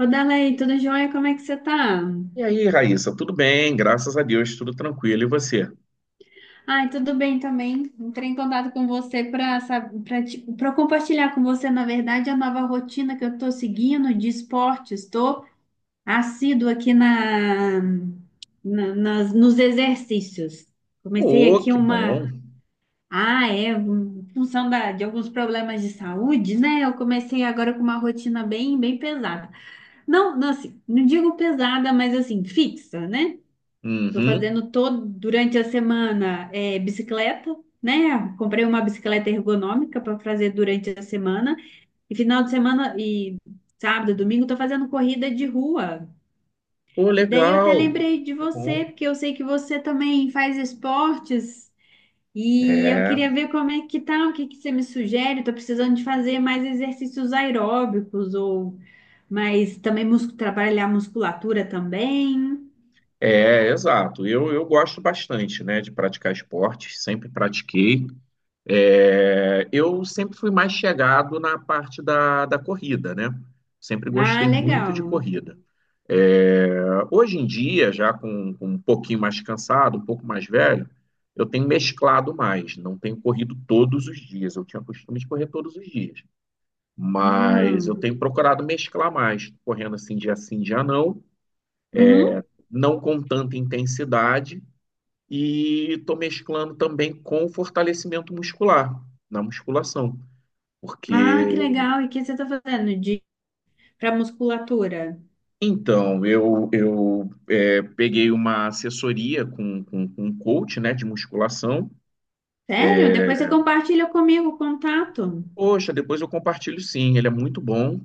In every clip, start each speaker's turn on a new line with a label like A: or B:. A: Ô, Dalei, tudo jóia? Como é que você tá?
B: E aí, Raíssa, tudo bem? Graças a Deus, tudo tranquilo. E você?
A: Ai, tudo bem também. Entrei em contato com você para compartilhar com você, na verdade, a nova rotina que eu estou seguindo de esportes. Estou assíduo aqui nos exercícios. Comecei
B: Pô,
A: aqui
B: que
A: uma.
B: bom.
A: Ah, é, em função de alguns problemas de saúde, né? Eu comecei agora com uma rotina bem, bem pesada. Não, não, assim, não digo pesada, mas assim, fixa, né? Tô
B: Uhum.
A: fazendo todo durante a semana é, bicicleta, né? Comprei uma bicicleta ergonômica para fazer durante a semana e final de semana e sábado, domingo tô fazendo corrida de rua.
B: Pô,
A: E daí eu até
B: legal.
A: lembrei de
B: Tá
A: você,
B: bom.
A: porque eu sei que você também faz esportes e eu
B: É,
A: queria ver como é que tá, o que que você me sugere? Tô precisando de fazer mais exercícios aeróbicos ou mais também trabalhar a musculatura também.
B: exato. Eu gosto bastante, né, de praticar esportes, sempre pratiquei. É, eu sempre fui mais chegado na parte da corrida, né? Sempre
A: Ah,
B: gostei muito de
A: legal.
B: corrida. É, hoje em dia, já com um pouquinho mais cansado, um pouco mais velho, eu tenho mesclado mais, não tenho corrido todos os dias. Eu tinha o costume de correr todos os dias, mas eu
A: Ah.
B: tenho procurado mesclar mais, correndo assim dia sim, dia não,
A: Uhum.
B: não com tanta intensidade, e estou mesclando também com fortalecimento muscular na musculação.
A: Ah, que
B: Porque
A: legal. E o que você está fazendo de para musculatura?
B: então, eu peguei uma assessoria com um coach, né, de musculação.
A: Sério? Depois você compartilha comigo o contato.
B: Poxa, depois eu compartilho sim, ele é muito bom.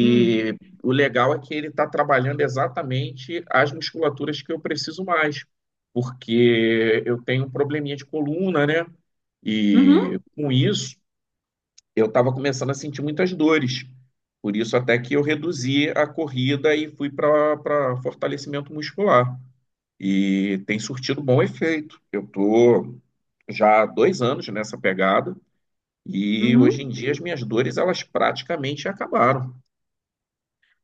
A: Hum.
B: o legal é que ele está trabalhando exatamente as musculaturas que eu preciso mais, porque eu tenho um probleminha de coluna, né? E
A: Uhum.
B: com isso, eu estava começando a sentir muitas dores. Por isso, até que eu reduzi a corrida e fui para fortalecimento muscular. E tem surtido bom efeito. Eu tô já há dois anos nessa pegada, e hoje
A: Uhum.
B: em dia as minhas dores elas praticamente acabaram.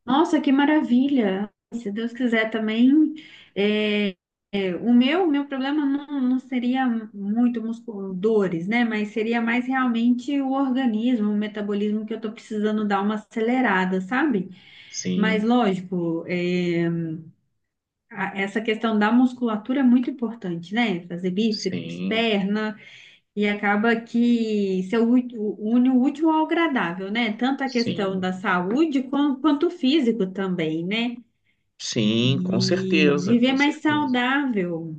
A: Nossa, que maravilha. Se Deus quiser também. é, o meu problema não, não seria muito dores, né? Mas seria mais realmente o organismo, o metabolismo que eu estou precisando dar uma acelerada, sabe? Mas
B: Sim,
A: lógico, essa questão da musculatura é muito importante, né? Fazer bíceps,
B: sim,
A: perna, e acaba que se une o útil ao agradável, né? Tanto a questão
B: sim,
A: da saúde quanto o físico também, né?
B: sim, com
A: E
B: certeza,
A: viver
B: com
A: mais
B: certeza.
A: saudável.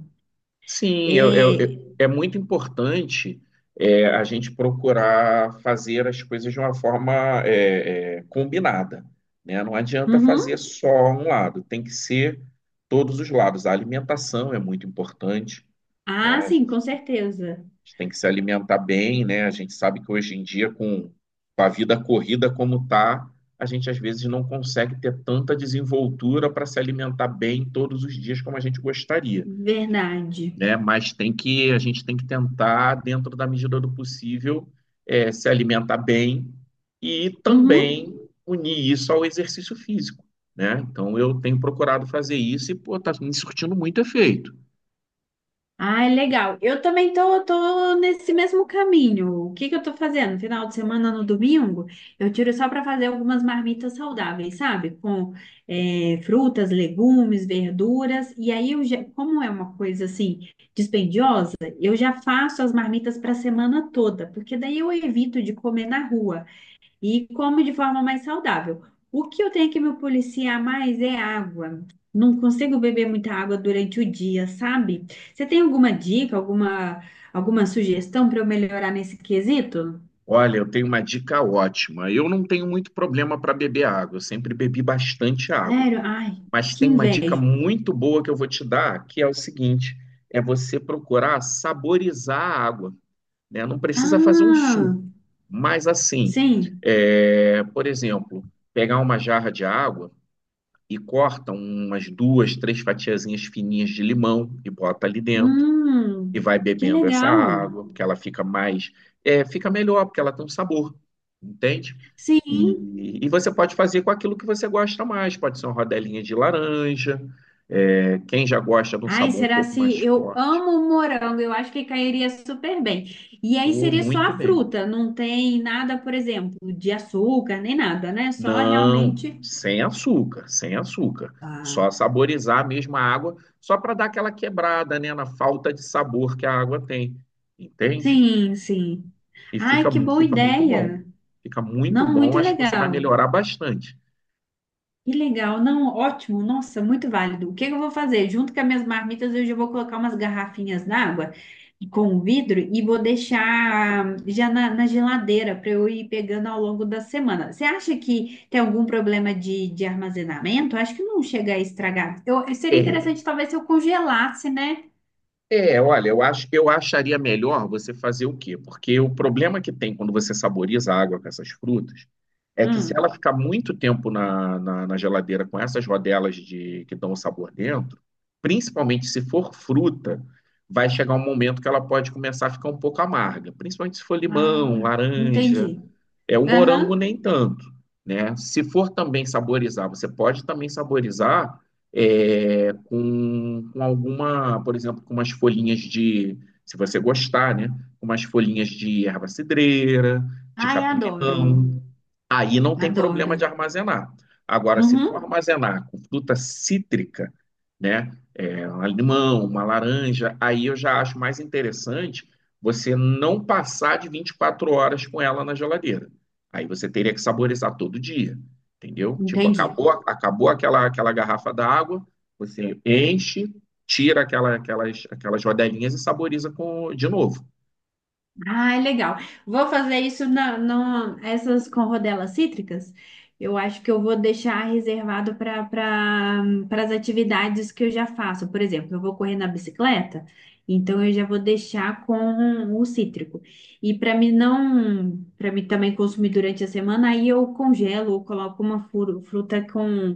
B: Sim,
A: É.
B: é muito importante a gente procurar fazer as coisas de uma forma combinada, né? Não adianta fazer
A: Uhum.
B: só um lado, tem que ser todos os lados. A alimentação é muito importante.
A: Ah,
B: Né? A
A: sim,
B: gente
A: com certeza.
B: tem que se alimentar bem, né? A gente sabe que hoje em dia, com a vida corrida como tá, a gente às vezes não consegue ter tanta desenvoltura para se alimentar bem todos os dias como a gente gostaria,
A: Verdade.
B: né? Mas tem que a gente tem que tentar, dentro da medida do possível, se alimentar bem e
A: Uhum.
B: também unir isso ao exercício físico, né? Então eu tenho procurado fazer isso e pô, tá me surtindo muito efeito.
A: Ah, legal. Eu também tô nesse mesmo caminho. O que que eu tô fazendo? Final de semana, no domingo, eu tiro só para fazer algumas marmitas saudáveis, sabe? Com frutas, legumes, verduras. E aí, eu já, como é uma coisa assim dispendiosa, eu já faço as marmitas para a semana toda, porque daí eu evito de comer na rua e como de forma mais saudável. O que eu tenho que me policiar mais é água. Não consigo beber muita água durante o dia, sabe? Você tem alguma dica, alguma sugestão para eu melhorar nesse quesito?
B: Olha, eu tenho uma dica ótima. Eu não tenho muito problema para beber água, eu sempre bebi bastante água.
A: Sério? Ai,
B: Mas
A: que
B: tem uma dica
A: inveja.
B: muito boa que eu vou te dar, que é o seguinte: é você procurar saborizar a água, né? Não precisa fazer um
A: Ah,
B: suco, mas assim,
A: sim.
B: por exemplo, pegar uma jarra de água e corta umas duas, três fatiazinhas fininhas de limão e bota ali dentro e
A: Hum,
B: vai
A: que
B: bebendo essa
A: legal.
B: água, porque ela fica melhor, porque ela tem um sabor, entende?
A: Sim.
B: E você pode fazer com aquilo que você gosta mais, pode ser uma rodelinha de laranja, é, quem já gosta de um
A: Ai,
B: sabor um
A: será
B: pouco mais
A: se eu
B: forte.
A: amo morango? Eu acho que cairia super bem. E aí
B: Oh,
A: seria só
B: muito
A: a
B: bem.
A: fruta, não tem nada, por exemplo, de açúcar nem nada, né? Só
B: Não,
A: realmente.
B: sem açúcar, sem açúcar.
A: Ah,
B: Só saborizar mesmo a água, só para dar aquela quebrada, né, na falta de sabor que a água tem, entende?
A: sim, sim.
B: E
A: Ai, que boa
B: fica muito bom.
A: ideia!
B: Fica muito
A: Não,
B: bom,
A: muito
B: acho que você vai
A: legal.
B: melhorar bastante.
A: Que legal, não, ótimo, nossa, muito válido. O que que eu vou fazer? Junto com as minhas marmitas, eu já vou colocar umas garrafinhas d'água com vidro e vou deixar já na geladeira para eu ir pegando ao longo da semana. Você acha que tem algum problema de armazenamento? Acho que não chega a estragar. Eu, seria
B: É,
A: interessante talvez se eu congelasse, né?
B: olha, eu acharia melhor você fazer o quê? Porque o problema que tem quando você saboriza a água com essas frutas é que se
A: Hum.
B: ela ficar muito tempo na geladeira com essas rodelas de que dão o sabor dentro, principalmente se for fruta, vai chegar um momento que ela pode começar a ficar um pouco amarga, principalmente se for
A: Ah,
B: limão, laranja.
A: entendi.
B: É, o morango
A: Aham.
B: nem tanto, né? Se for também saborizar, você pode também saborizar com alguma, por exemplo, com umas folhinhas de, se você gostar, né? Com umas folhinhas de erva cidreira, de
A: Ai, adoro,
B: capim-limão. Aí não tem problema
A: adoro.
B: de armazenar. Agora, se for
A: Uhum,
B: armazenar com fruta cítrica, né? É, um limão, uma laranja, aí eu já acho mais interessante você não passar de 24 horas com ela na geladeira. Aí você teria que saborizar todo dia, entendeu? Tipo,
A: entendi.
B: acabou aquela garrafa d'água, você enche, tira aquelas rodelinhas e saboriza com, de novo.
A: Ah, legal. Vou fazer isso essas com rodelas cítricas. Eu acho que eu vou deixar reservado para as atividades que eu já faço. Por exemplo, eu vou correr na bicicleta, então eu já vou deixar com o cítrico. E para mim não, para mim também consumir durante a semana, aí eu congelo ou coloco uma fruta com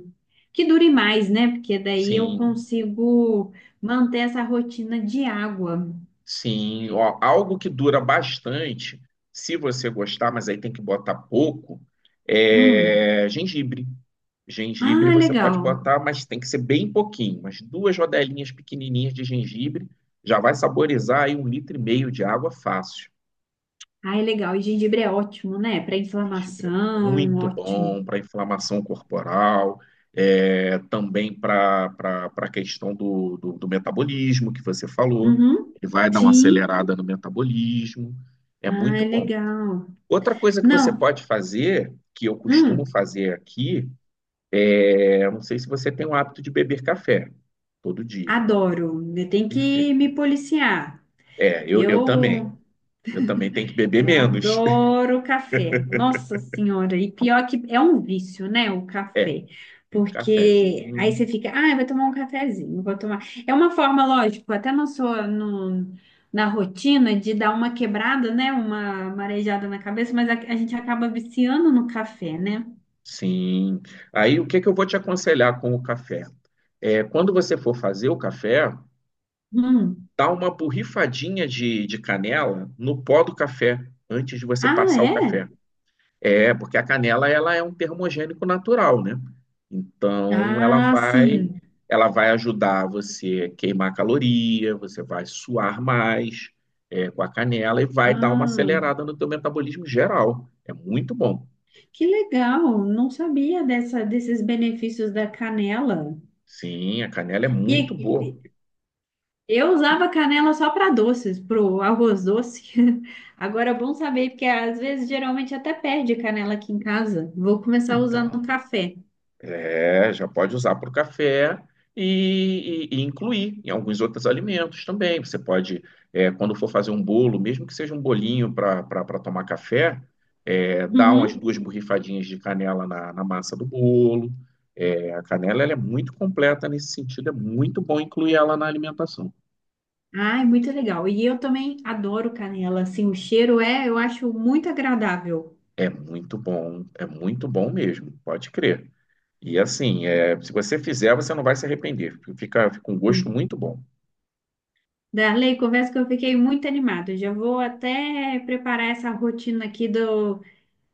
A: que dure mais, né? Porque daí eu
B: Sim,
A: consigo manter essa rotina de água.
B: sim. Ó, algo que dura bastante, se você gostar, mas aí tem que botar pouco,
A: Hum.
B: é gengibre. Gengibre
A: Ah,
B: você pode
A: legal.
B: botar, mas tem que ser bem pouquinho, mas duas rodelinhas pequenininhas de gengibre já vai saborizar aí um litro e meio de água fácil.
A: Ah, é legal. E gengibre é ótimo, né? Para
B: Gengibre é
A: inflamação,
B: muito
A: ótimo.
B: bom para inflamação corporal, também para a questão do metabolismo que você falou.
A: Uhum.
B: Ele vai dar uma
A: Sim.
B: acelerada no metabolismo. É
A: Ah,
B: muito
A: é
B: bom.
A: legal.
B: Outra coisa que você
A: Não,
B: pode fazer, que eu costumo
A: hum,
B: fazer aqui, é, eu não sei se você tem o hábito de beber café todo dia.
A: adoro. Eu tenho que
B: Perfeito.
A: me policiar.
B: É, eu também.
A: Eu
B: Eu também tenho que beber
A: Eu
B: menos.
A: adoro café. Nossa Senhora, e pior que é um vício, né, o
B: É,
A: café.
B: um
A: Porque
B: cafezinho.
A: aí você fica, ah, eu vou tomar um cafezinho, vou tomar. É uma forma, lógico, até na sua, no, na rotina de dar uma quebrada, né, uma marejada na cabeça, mas a gente acaba viciando no café, né?
B: Sim. Aí o que que eu vou te aconselhar com o café? É, quando você for fazer o café,
A: Hum.
B: dá uma borrifadinha de canela no pó do café antes de você
A: Ah,
B: passar o
A: é?
B: café. É, porque a canela ela é um termogênico natural, né? Então
A: Ah, sim.
B: ela vai ajudar você a queimar caloria, você vai suar mais com a canela e vai dar uma
A: Ah,
B: acelerada no teu metabolismo geral. É muito bom.
A: que legal. Não sabia desses benefícios da canela.
B: Sim, a canela é muito
A: E
B: boa.
A: Eu usava canela só para doces, pro arroz doce. Agora é bom saber, porque às vezes geralmente até perde canela aqui em casa. Vou começar usando
B: Então,
A: café.
B: é, já pode usar para o café e incluir em alguns outros alimentos também. Você pode, é, quando for fazer um bolo, mesmo que seja um bolinho para tomar café, é, dar umas
A: Uhum.
B: duas borrifadinhas de canela na massa do bolo. É, a canela ela é muito completa nesse sentido, é muito bom incluir ela na alimentação.
A: Ai, muito legal. E eu também adoro canela, assim, o cheiro é, eu acho muito agradável.
B: É muito bom mesmo, pode crer. E assim, é, se você fizer, você não vai se arrepender. Fica, fica um gosto
A: Hum.
B: muito bom.
A: Darley, confesso que eu fiquei muito animada. Eu já vou até preparar essa rotina aqui do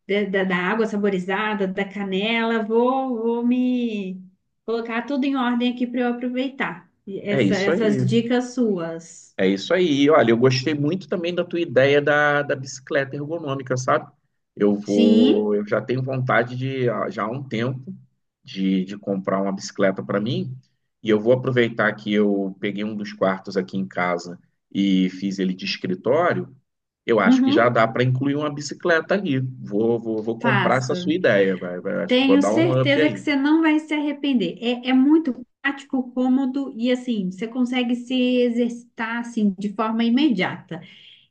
A: de- da, da água saborizada, da canela, vou me colocar tudo em ordem aqui para eu aproveitar e
B: É isso
A: essas
B: aí.
A: dicas suas.
B: É isso aí. Olha, eu gostei muito também da tua ideia da bicicleta ergonômica, sabe? Eu
A: Sim,
B: vou, eu já tenho vontade de, ah, já há um tempo, de comprar uma bicicleta para mim. E eu vou aproveitar que eu peguei um dos quartos aqui em casa e fiz ele de escritório. Eu acho que já
A: uhum,
B: dá para incluir uma bicicleta ali. Vou comprar essa sua
A: faça.
B: ideia, vai, vai. Acho que vou
A: Tenho
B: dar um up
A: certeza que
B: aí.
A: você não vai se arrepender. É muito prático, cômodo e assim, você consegue se exercitar assim de forma imediata.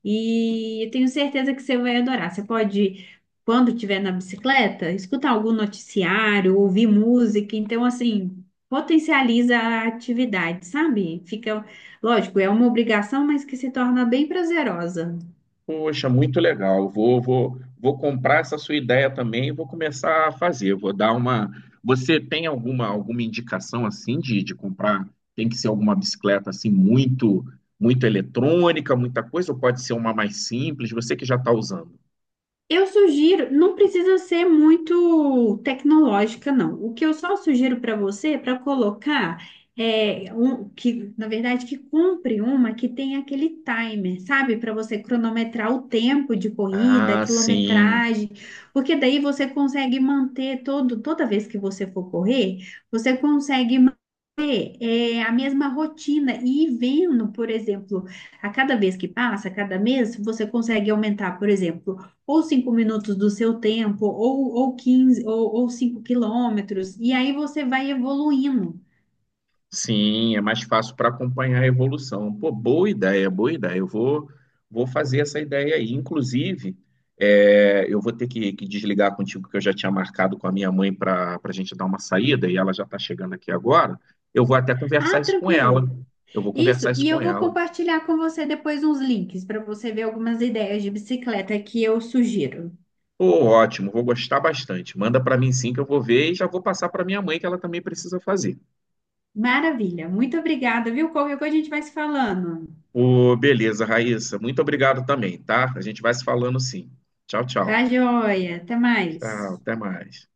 A: E eu tenho certeza que você vai adorar. Você pode, quando estiver na bicicleta, escutar algum noticiário, ouvir música. Então, assim, potencializa a atividade, sabe? Fica, lógico, é uma obrigação, mas que se torna bem prazerosa.
B: Poxa, muito legal. Vou comprar essa sua ideia também e vou começar a fazer. Vou dar uma. Você tem alguma, alguma indicação assim de comprar? Tem que ser alguma bicicleta assim muito, muito eletrônica, muita coisa, ou pode ser uma mais simples? Você que já está usando.
A: Eu sugiro, não precisa ser muito tecnológica, não. O que eu só sugiro para você é para colocar é um que, na verdade, que compre uma que tem aquele timer, sabe? Para você cronometrar o tempo de corrida, a
B: Ah, sim.
A: quilometragem, porque daí você consegue manter toda vez que você for correr, você consegue a mesma rotina e ir vendo, por exemplo, a cada vez que passa, a cada mês, você consegue aumentar, por exemplo, ou 5 minutos do seu tempo, ou 15 ou 5 quilômetros, e aí você vai evoluindo.
B: Sim, é mais fácil para acompanhar a evolução. Pô, boa ideia, boa ideia. Vou fazer essa ideia aí. Inclusive, é, eu vou ter que desligar contigo, que eu já tinha marcado com a minha mãe para a gente dar uma saída e ela já está chegando aqui agora. Eu vou até conversar
A: Ah,
B: isso com ela.
A: tranquilo.
B: Eu vou conversar
A: Isso,
B: isso
A: e
B: com
A: eu vou
B: ela.
A: compartilhar com você depois uns links para você ver algumas ideias de bicicleta que eu sugiro.
B: Pô, ótimo, vou gostar bastante. Manda para mim sim, que eu vou ver e já vou passar para minha mãe, que ela também precisa fazer.
A: Maravilha, muito obrigada, viu? Qualquer coisa a gente vai se falando.
B: Pô, beleza, Raíssa. Muito obrigado também, tá? A gente vai se falando sim. Tchau, tchau.
A: Tá joia, até
B: Tchau,
A: mais.
B: até mais.